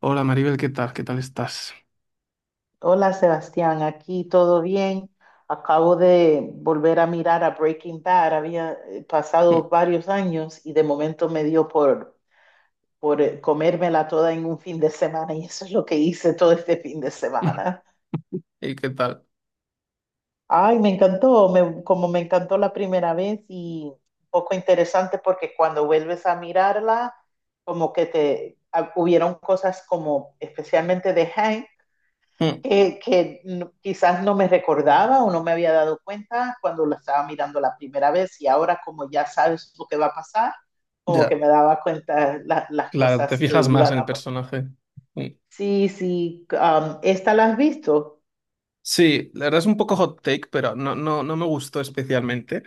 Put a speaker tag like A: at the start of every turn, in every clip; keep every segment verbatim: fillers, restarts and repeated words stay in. A: Hola Maribel, ¿qué tal? ¿Qué tal estás?
B: Hola Sebastián, aquí todo bien. Acabo de volver a mirar a Breaking Bad. Había eh,
A: Mm,
B: pasado varios años y de momento me dio por, por eh, comérmela toda en un fin de semana y eso es lo que hice todo este fin de
A: mm,
B: semana.
A: ¿y qué tal?
B: Ay, me encantó, me- como me encantó la primera vez y un poco interesante porque cuando vuelves a mirarla, como que te ah, hubieron cosas como especialmente de Hank,
A: Mm.
B: eh, que no- quizás no me recordaba o no me había dado cuenta cuando la estaba mirando la primera vez y ahora como ya sabes lo que va a pasar, como que
A: Ya,
B: me daba cuenta la- las
A: claro, te
B: cosas que
A: fijas más
B: iban
A: en el
B: a pasar.
A: personaje. Mm.
B: Sí, sí, um, ¿esta la has visto?
A: Sí, la verdad es un poco hot take, pero no, no, no me gustó especialmente.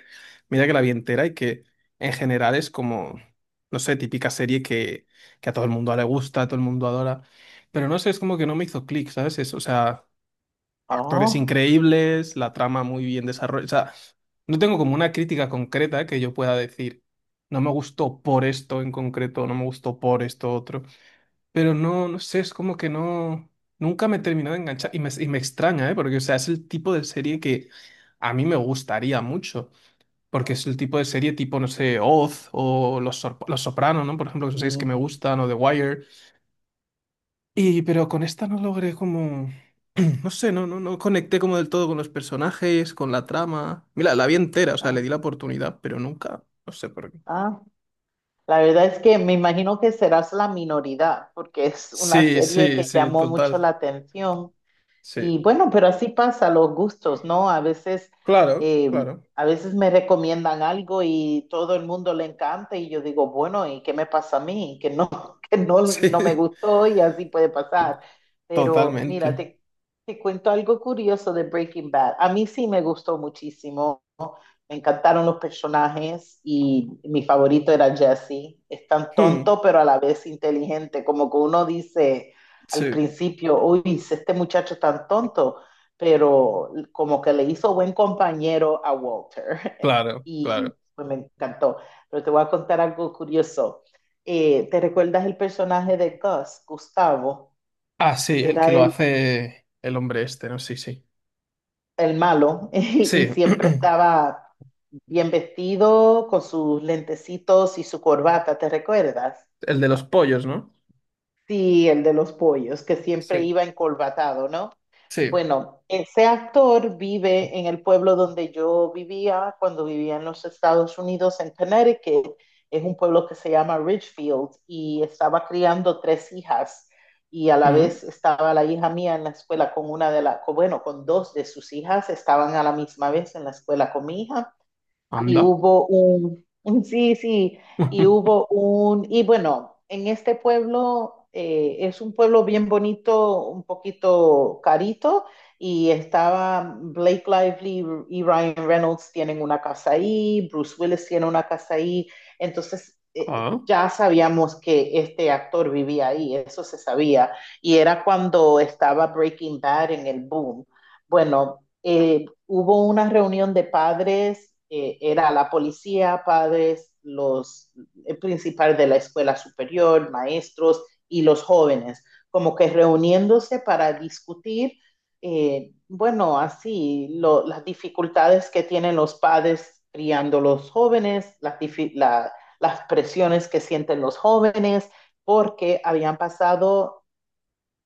A: Mira que la vi entera y que en general es como, no sé, típica serie que, que a todo el mundo le gusta, a todo el mundo adora. Pero no sé, es como que no me hizo clic, ¿sabes? Es, o sea, actores
B: Oh,
A: increíbles, la trama muy bien desarrollada. O sea, no tengo como una crítica concreta que yo pueda decir, no me gustó por esto en concreto, no me gustó por esto otro. Pero no, no sé, es como que no, nunca me he terminado de enganchar y me, y me extraña, ¿eh? Porque, o sea, es el tipo de serie que a mí me gustaría mucho. Porque es el tipo de serie tipo, no sé, Oz o Los, Sor- Los Sopranos, ¿no? Por ejemplo, que son series que
B: sí.
A: me gustan, o The Wire. Y pero con esta no logré como... No sé, no, no, no conecté como del todo con los personajes, con la trama. Mira, la vi entera, o sea,
B: Ah,
A: le di la oportunidad, pero nunca, no sé por qué.
B: ah. La verdad es que me imagino que serás la minoridad porque es una
A: Sí,
B: serie
A: sí,
B: que
A: sí,
B: llamó mucho
A: total.
B: la atención.
A: Sí.
B: Y bueno, pero así pasa los gustos, ¿no? A veces,
A: Claro,
B: eh,
A: claro.
B: a veces me recomiendan algo y todo el mundo le encanta y yo digo, bueno, ¿y qué me pasa a mí? Que no, que no, no me
A: Sí,
B: gustó y así puede pasar. Pero mira,
A: totalmente.
B: te, te cuento algo curioso de Breaking Bad. A mí sí me gustó muchísimo. Me encantaron los personajes y mi favorito era Jesse. Es tan
A: Hmm.
B: tonto, pero a la vez inteligente. Como que uno dice al
A: Sí,
B: principio, uy, si este muchacho es tan tonto, pero como que le hizo buen compañero a Walter.
A: claro,
B: Y
A: claro.
B: pues me encantó. Pero te voy a contar algo curioso. Eh, ¿te recuerdas el personaje de Gus, Gustavo?
A: Ah, sí, el que
B: Era
A: lo
B: el
A: hace el hombre este, ¿no? Sí, sí.
B: el malo, y
A: Sí,
B: siempre estaba bien vestido, con sus lentecitos y su corbata, ¿te recuerdas?
A: el de los pollos, ¿no?
B: Sí, el de los pollos, que siempre
A: Sí,
B: iba encorbatado,
A: sí.
B: bueno, ese actor vive en el pueblo donde yo vivía cuando vivía en los Estados Unidos, en Connecticut. Es un pueblo que se llama Ridgefield y estaba criando tres hijas y a la
A: Mm.
B: vez estaba la hija mía en la escuela con una de las, bueno, con dos de sus hijas, estaban a la misma vez en la escuela con mi hija y
A: Anda.
B: hubo un, un- sí, sí, y hubo un, y bueno, en este pueblo eh, es un pueblo bien bonito, un poquito carito, y estaba Blake Lively y Ryan Reynolds tienen una casa ahí, Bruce Willis tiene una casa ahí, entonces eh,
A: Ah,
B: ya sabíamos que este actor vivía ahí, eso se sabía, y era cuando estaba Breaking Bad en el boom. Bueno. eh, hubo una reunión de padres, eh, era la policía, padres, los, el principal de la escuela superior, maestros y los jóvenes, como que reuniéndose para discutir, eh, bueno, así, lo, las dificultades que tienen los padres criando los jóvenes, las, difi- la, las presiones que sienten los jóvenes, porque habían pasado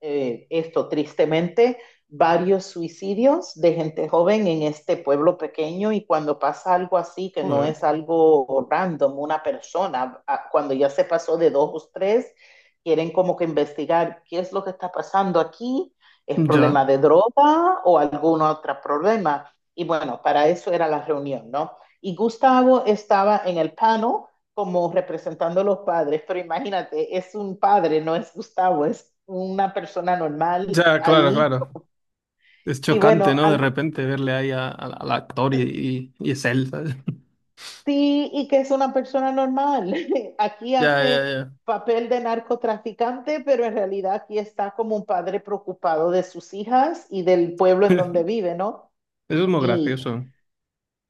B: eh, esto tristemente, varios suicidios de gente joven en este pueblo pequeño y cuando pasa algo así, que no
A: joder.
B: es algo random, una persona, ah, cuando ya se pasó de dos o tres, quieren como que investigar qué es lo que está pasando aquí, es problema
A: Ya.
B: de droga o algún otro problema. Y bueno, para eso era la reunión, ¿no? Y Gustavo estaba en el panel como representando a los padres, pero imagínate, es un padre, no es Gustavo, es una persona normal
A: Ya, claro,
B: ahí.
A: claro. Es
B: Y
A: chocante,
B: bueno,
A: ¿no? De
B: al
A: repente verle ahí a- a- al actor y, y, y es él, ¿sabes?
B: sí, y que es una persona normal. Aquí
A: Ya,
B: hace
A: ya, ya.
B: papel de narcotraficante, pero en realidad aquí está como un padre preocupado de sus hijas y del pueblo en donde vive, ¿no?
A: Eso es muy
B: Y
A: gracioso.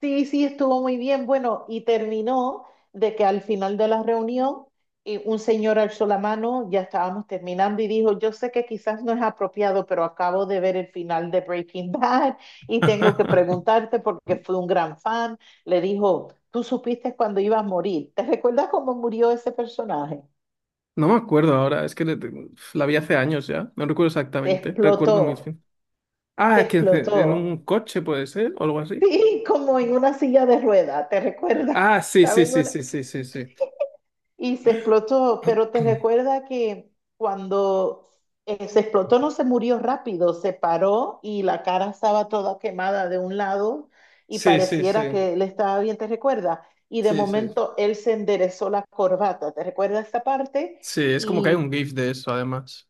B: sí, sí, estuvo muy bien. Bueno, y terminó de que al final de la reunión eh, un señor alzó la mano, ya estábamos terminando y dijo, yo sé que quizás no es apropiado, pero acabo de ver el final de Breaking Bad y tengo que preguntarte porque fui un gran fan. Le dijo, tú supiste cuando ibas a morir. ¿Te recuerdas cómo murió ese personaje?
A: No me acuerdo ahora, es que le- la vi hace años ya, no recuerdo
B: Te
A: exactamente, recuerdo muy
B: explotó,
A: bien.
B: te
A: Ah, que en en un
B: explotó.
A: coche puede ser, o algo así.
B: Sí, como en una silla de rueda, ¿te recuerdas?
A: Ah, sí, sí,
B: ¿Saben?
A: sí, sí, sí, sí, sí.
B: Y se explotó, pero te recuerda que cuando eh, se explotó no se murió rápido, se paró y la cara estaba toda quemada de un lado y
A: Sí, sí,
B: pareciera
A: sí,
B: que él estaba bien, ¿te recuerda? Y de
A: sí, sí.
B: momento él se enderezó la corbata, ¿te recuerda esta parte?
A: Sí, es como que hay un
B: Y
A: GIF de eso, además.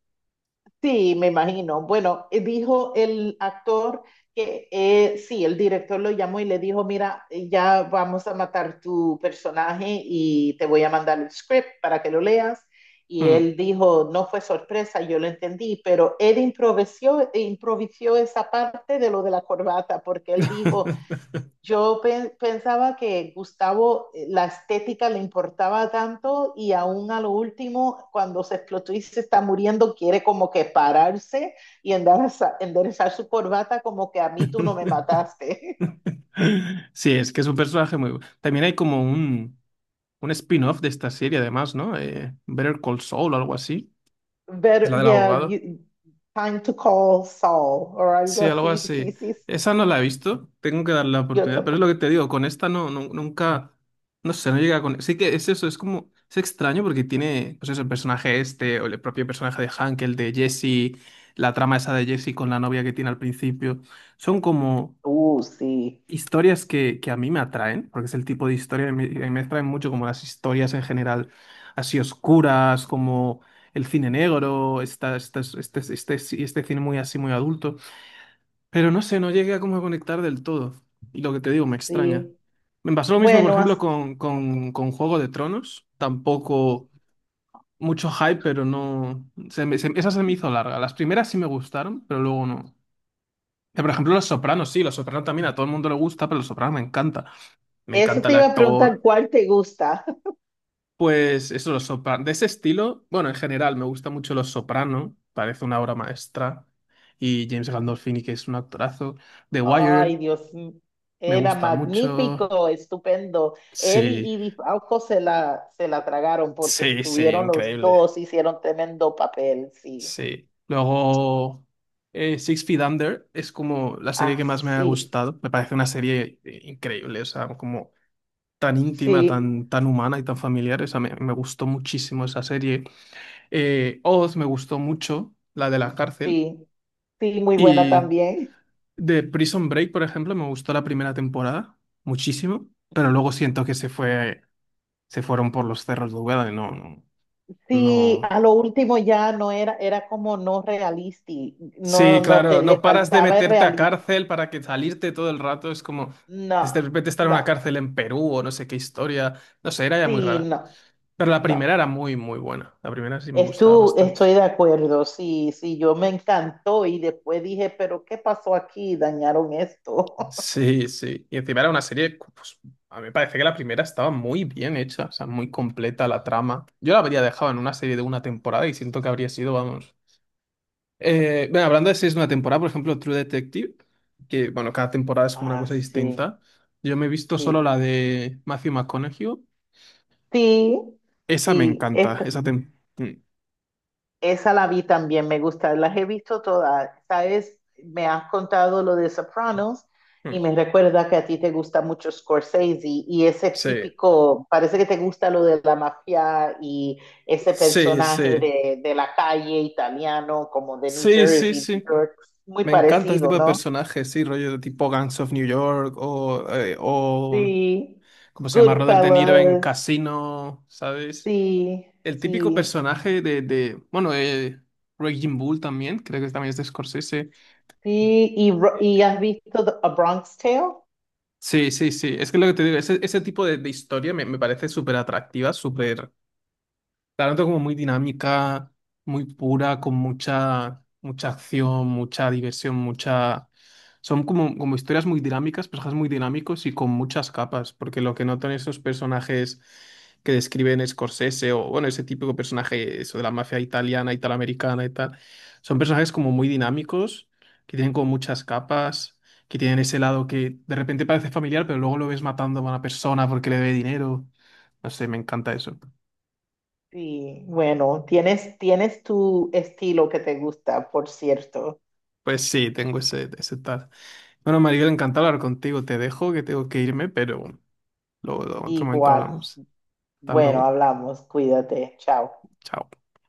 B: sí, me imagino. Bueno, eh, dijo el actor que eh, sí, el director lo llamó y le dijo, mira, eh, ya vamos a matar tu personaje y te voy a mandar el script para que lo leas. Y
A: Mm.
B: él dijo, no fue sorpresa, yo lo entendí, pero él improvisó, improvisó esa parte de lo de la corbata, porque él dijo, yo pe- pensaba que Gustavo, eh, la estética le importaba tanto y aún a lo último, cuando se explotó y se está muriendo, quiere como que pararse y endereza- enderezar su corbata como que a mí tú no me mataste.
A: Sí, es que es un personaje muy... bu- También hay como un... un spin-off de esta serie, además, ¿no? Eh, Better Call Saul o algo así. Es la
B: But
A: del
B: yeah,
A: abogado.
B: you- time to call Saul o algo
A: Sí, algo
B: así, sí,
A: así.
B: sí, sí.
A: Esa no la he visto. Tengo que darle la
B: Yo
A: oportunidad. Pero es lo que
B: tampoco.
A: te digo, con esta no, no- nunca. No sé, no llega con. Sí que es eso, es como. Es extraño porque tiene, pues eso, el personaje este, o el propio personaje de Hank, el de Jesse, la trama esa de Jesse con la novia que tiene al principio. Son como
B: Uh, sí,
A: historias que, que a mí me atraen, porque es el tipo de historia que me, que me atraen mucho, como las historias en general así oscuras, como el cine negro, esta- estas- este, este, este este cine muy así, muy adulto. Pero no sé, no llegué a como conectar del todo. Y lo que te digo, me extraña.
B: sí.
A: Me pasó lo mismo, por
B: Bueno,
A: ejemplo,
B: as-
A: con, con, con Juego de Tronos. Tampoco mucho hype, pero no... Se me- se- esa se me hizo larga. Las primeras sí me gustaron, pero luego no. Eh, Por ejemplo, Los Sopranos, sí, Los Sopranos también a todo el mundo le gusta, pero Los Sopranos me encanta, me
B: eso
A: encanta
B: te
A: el
B: iba a preguntar,
A: actor.
B: ¿cuál te gusta?
A: Pues eso, los sopranos. De ese estilo, bueno, en general me gusta mucho Los Soprano, parece una obra maestra. Y James Gandolfini, que es un actorazo. The Wire,
B: Ay, Dios, m-
A: me
B: era
A: gusta mucho.
B: magnífico, estupendo. Él
A: Sí,
B: y, y Di Falco se la, se la tragaron porque
A: sí, sí,
B: estuvieron los
A: increíble.
B: dos, hicieron tremendo papel, sí.
A: Sí. Luego, eh, Six Feet Under es como la serie
B: Ah,
A: que más me ha
B: sí,
A: gustado. Me parece una serie eh, increíble, o sea, como tan íntima,
B: sí,
A: tan, tan humana y tan familiar. O sea, me, me gustó muchísimo esa serie. Eh, Oz me gustó mucho, la de la cárcel.
B: sí, sí, muy buena
A: Y
B: también.
A: de Prison Break, por ejemplo, me gustó la primera temporada muchísimo, pero luego siento que se fue, se fueron por los cerros de Úbeda y no, no,
B: Sí,
A: no.
B: a lo último ya no era, era como no realista,
A: Sí,
B: no, no, te,
A: claro,
B: le
A: no paras de
B: faltaba el
A: meterte a
B: realismo.
A: cárcel para que salirte todo el rato. Es como
B: No,
A: de repente estar en
B: no,
A: una cárcel en Perú o no sé qué historia. No sé, era ya muy
B: sí,
A: rara.
B: no,
A: Pero la primera
B: no.
A: era muy, muy buena. La primera sí me gustaba
B: Estu-
A: bastante.
B: estoy de acuerdo, sí, sí, yo me encantó y después dije, pero ¿qué pasó aquí? Dañaron esto.
A: Sí, sí. Y encima era una serie, pues a mí me parece que la primera estaba muy bien hecha, o sea, muy completa la trama. Yo la habría dejado en una serie de una temporada y siento que habría sido, vamos. Eh, bueno, hablando de series de una temporada, por ejemplo, True Detective, que bueno, cada temporada es como una
B: Ah,
A: cosa
B: sí,
A: distinta. Yo me he visto solo
B: sí,
A: la de Matthew McConaughey.
B: sí,
A: Esa me
B: sí,
A: encanta,
B: esta-
A: esa tem... Mm,
B: Esa la vi también, me gusta, las he visto todas. Sabes, me has contado lo de Sopranos y
A: mm.
B: me recuerda que a ti te gusta mucho Scorsese y ese
A: Sí,
B: típico, parece que te gusta lo de la mafia y ese
A: sí,
B: personaje
A: sí.
B: de, de la calle italiano, como de New
A: Sí, sí,
B: Jersey, New
A: sí.
B: York, muy
A: Me encanta ese tipo
B: parecido,
A: de
B: ¿no?
A: personajes, sí, rollo de tipo Gangs of New York o, eh, o
B: Sí,
A: ¿cómo se llama? Robert De Niro en
B: Goodfellas,
A: Casino, ¿sabes?
B: sí,
A: El típico
B: sí,
A: personaje de, de bueno, eh, Raging Bull también, creo que también es de Scorsese.
B: sí. ¿Y, Ro-
A: Eh,
B: y has visto The- A Bronx Tale?
A: Sí, sí, sí. Es que lo que te digo, ese, ese tipo de, de historia me, me parece súper atractiva, súper. La noto como muy dinámica, muy pura, con mucha, mucha acción, mucha diversión, mucha... Son como, como historias muy dinámicas, personajes muy dinámicos y con muchas capas, porque lo que noto en esos personajes que describen Scorsese o, bueno, ese típico personaje, eso de la mafia italiana, italoamericana y tal, son personajes como muy dinámicos, que tienen como muchas capas, que tienen ese lado que de repente parece familiar, pero luego lo ves matando a una persona porque le debe dinero. No sé, me encanta eso.
B: Sí, bueno, tienes, tienes tu estilo que te gusta, por cierto.
A: Pues sí, tengo ese, ese tal. Bueno, María, encantado hablar contigo. Te dejo que tengo que irme, pero luego en otro momento
B: Igual.
A: hablamos. Hasta
B: Bueno,
A: luego.
B: hablamos, cuídate, chao.
A: Chao.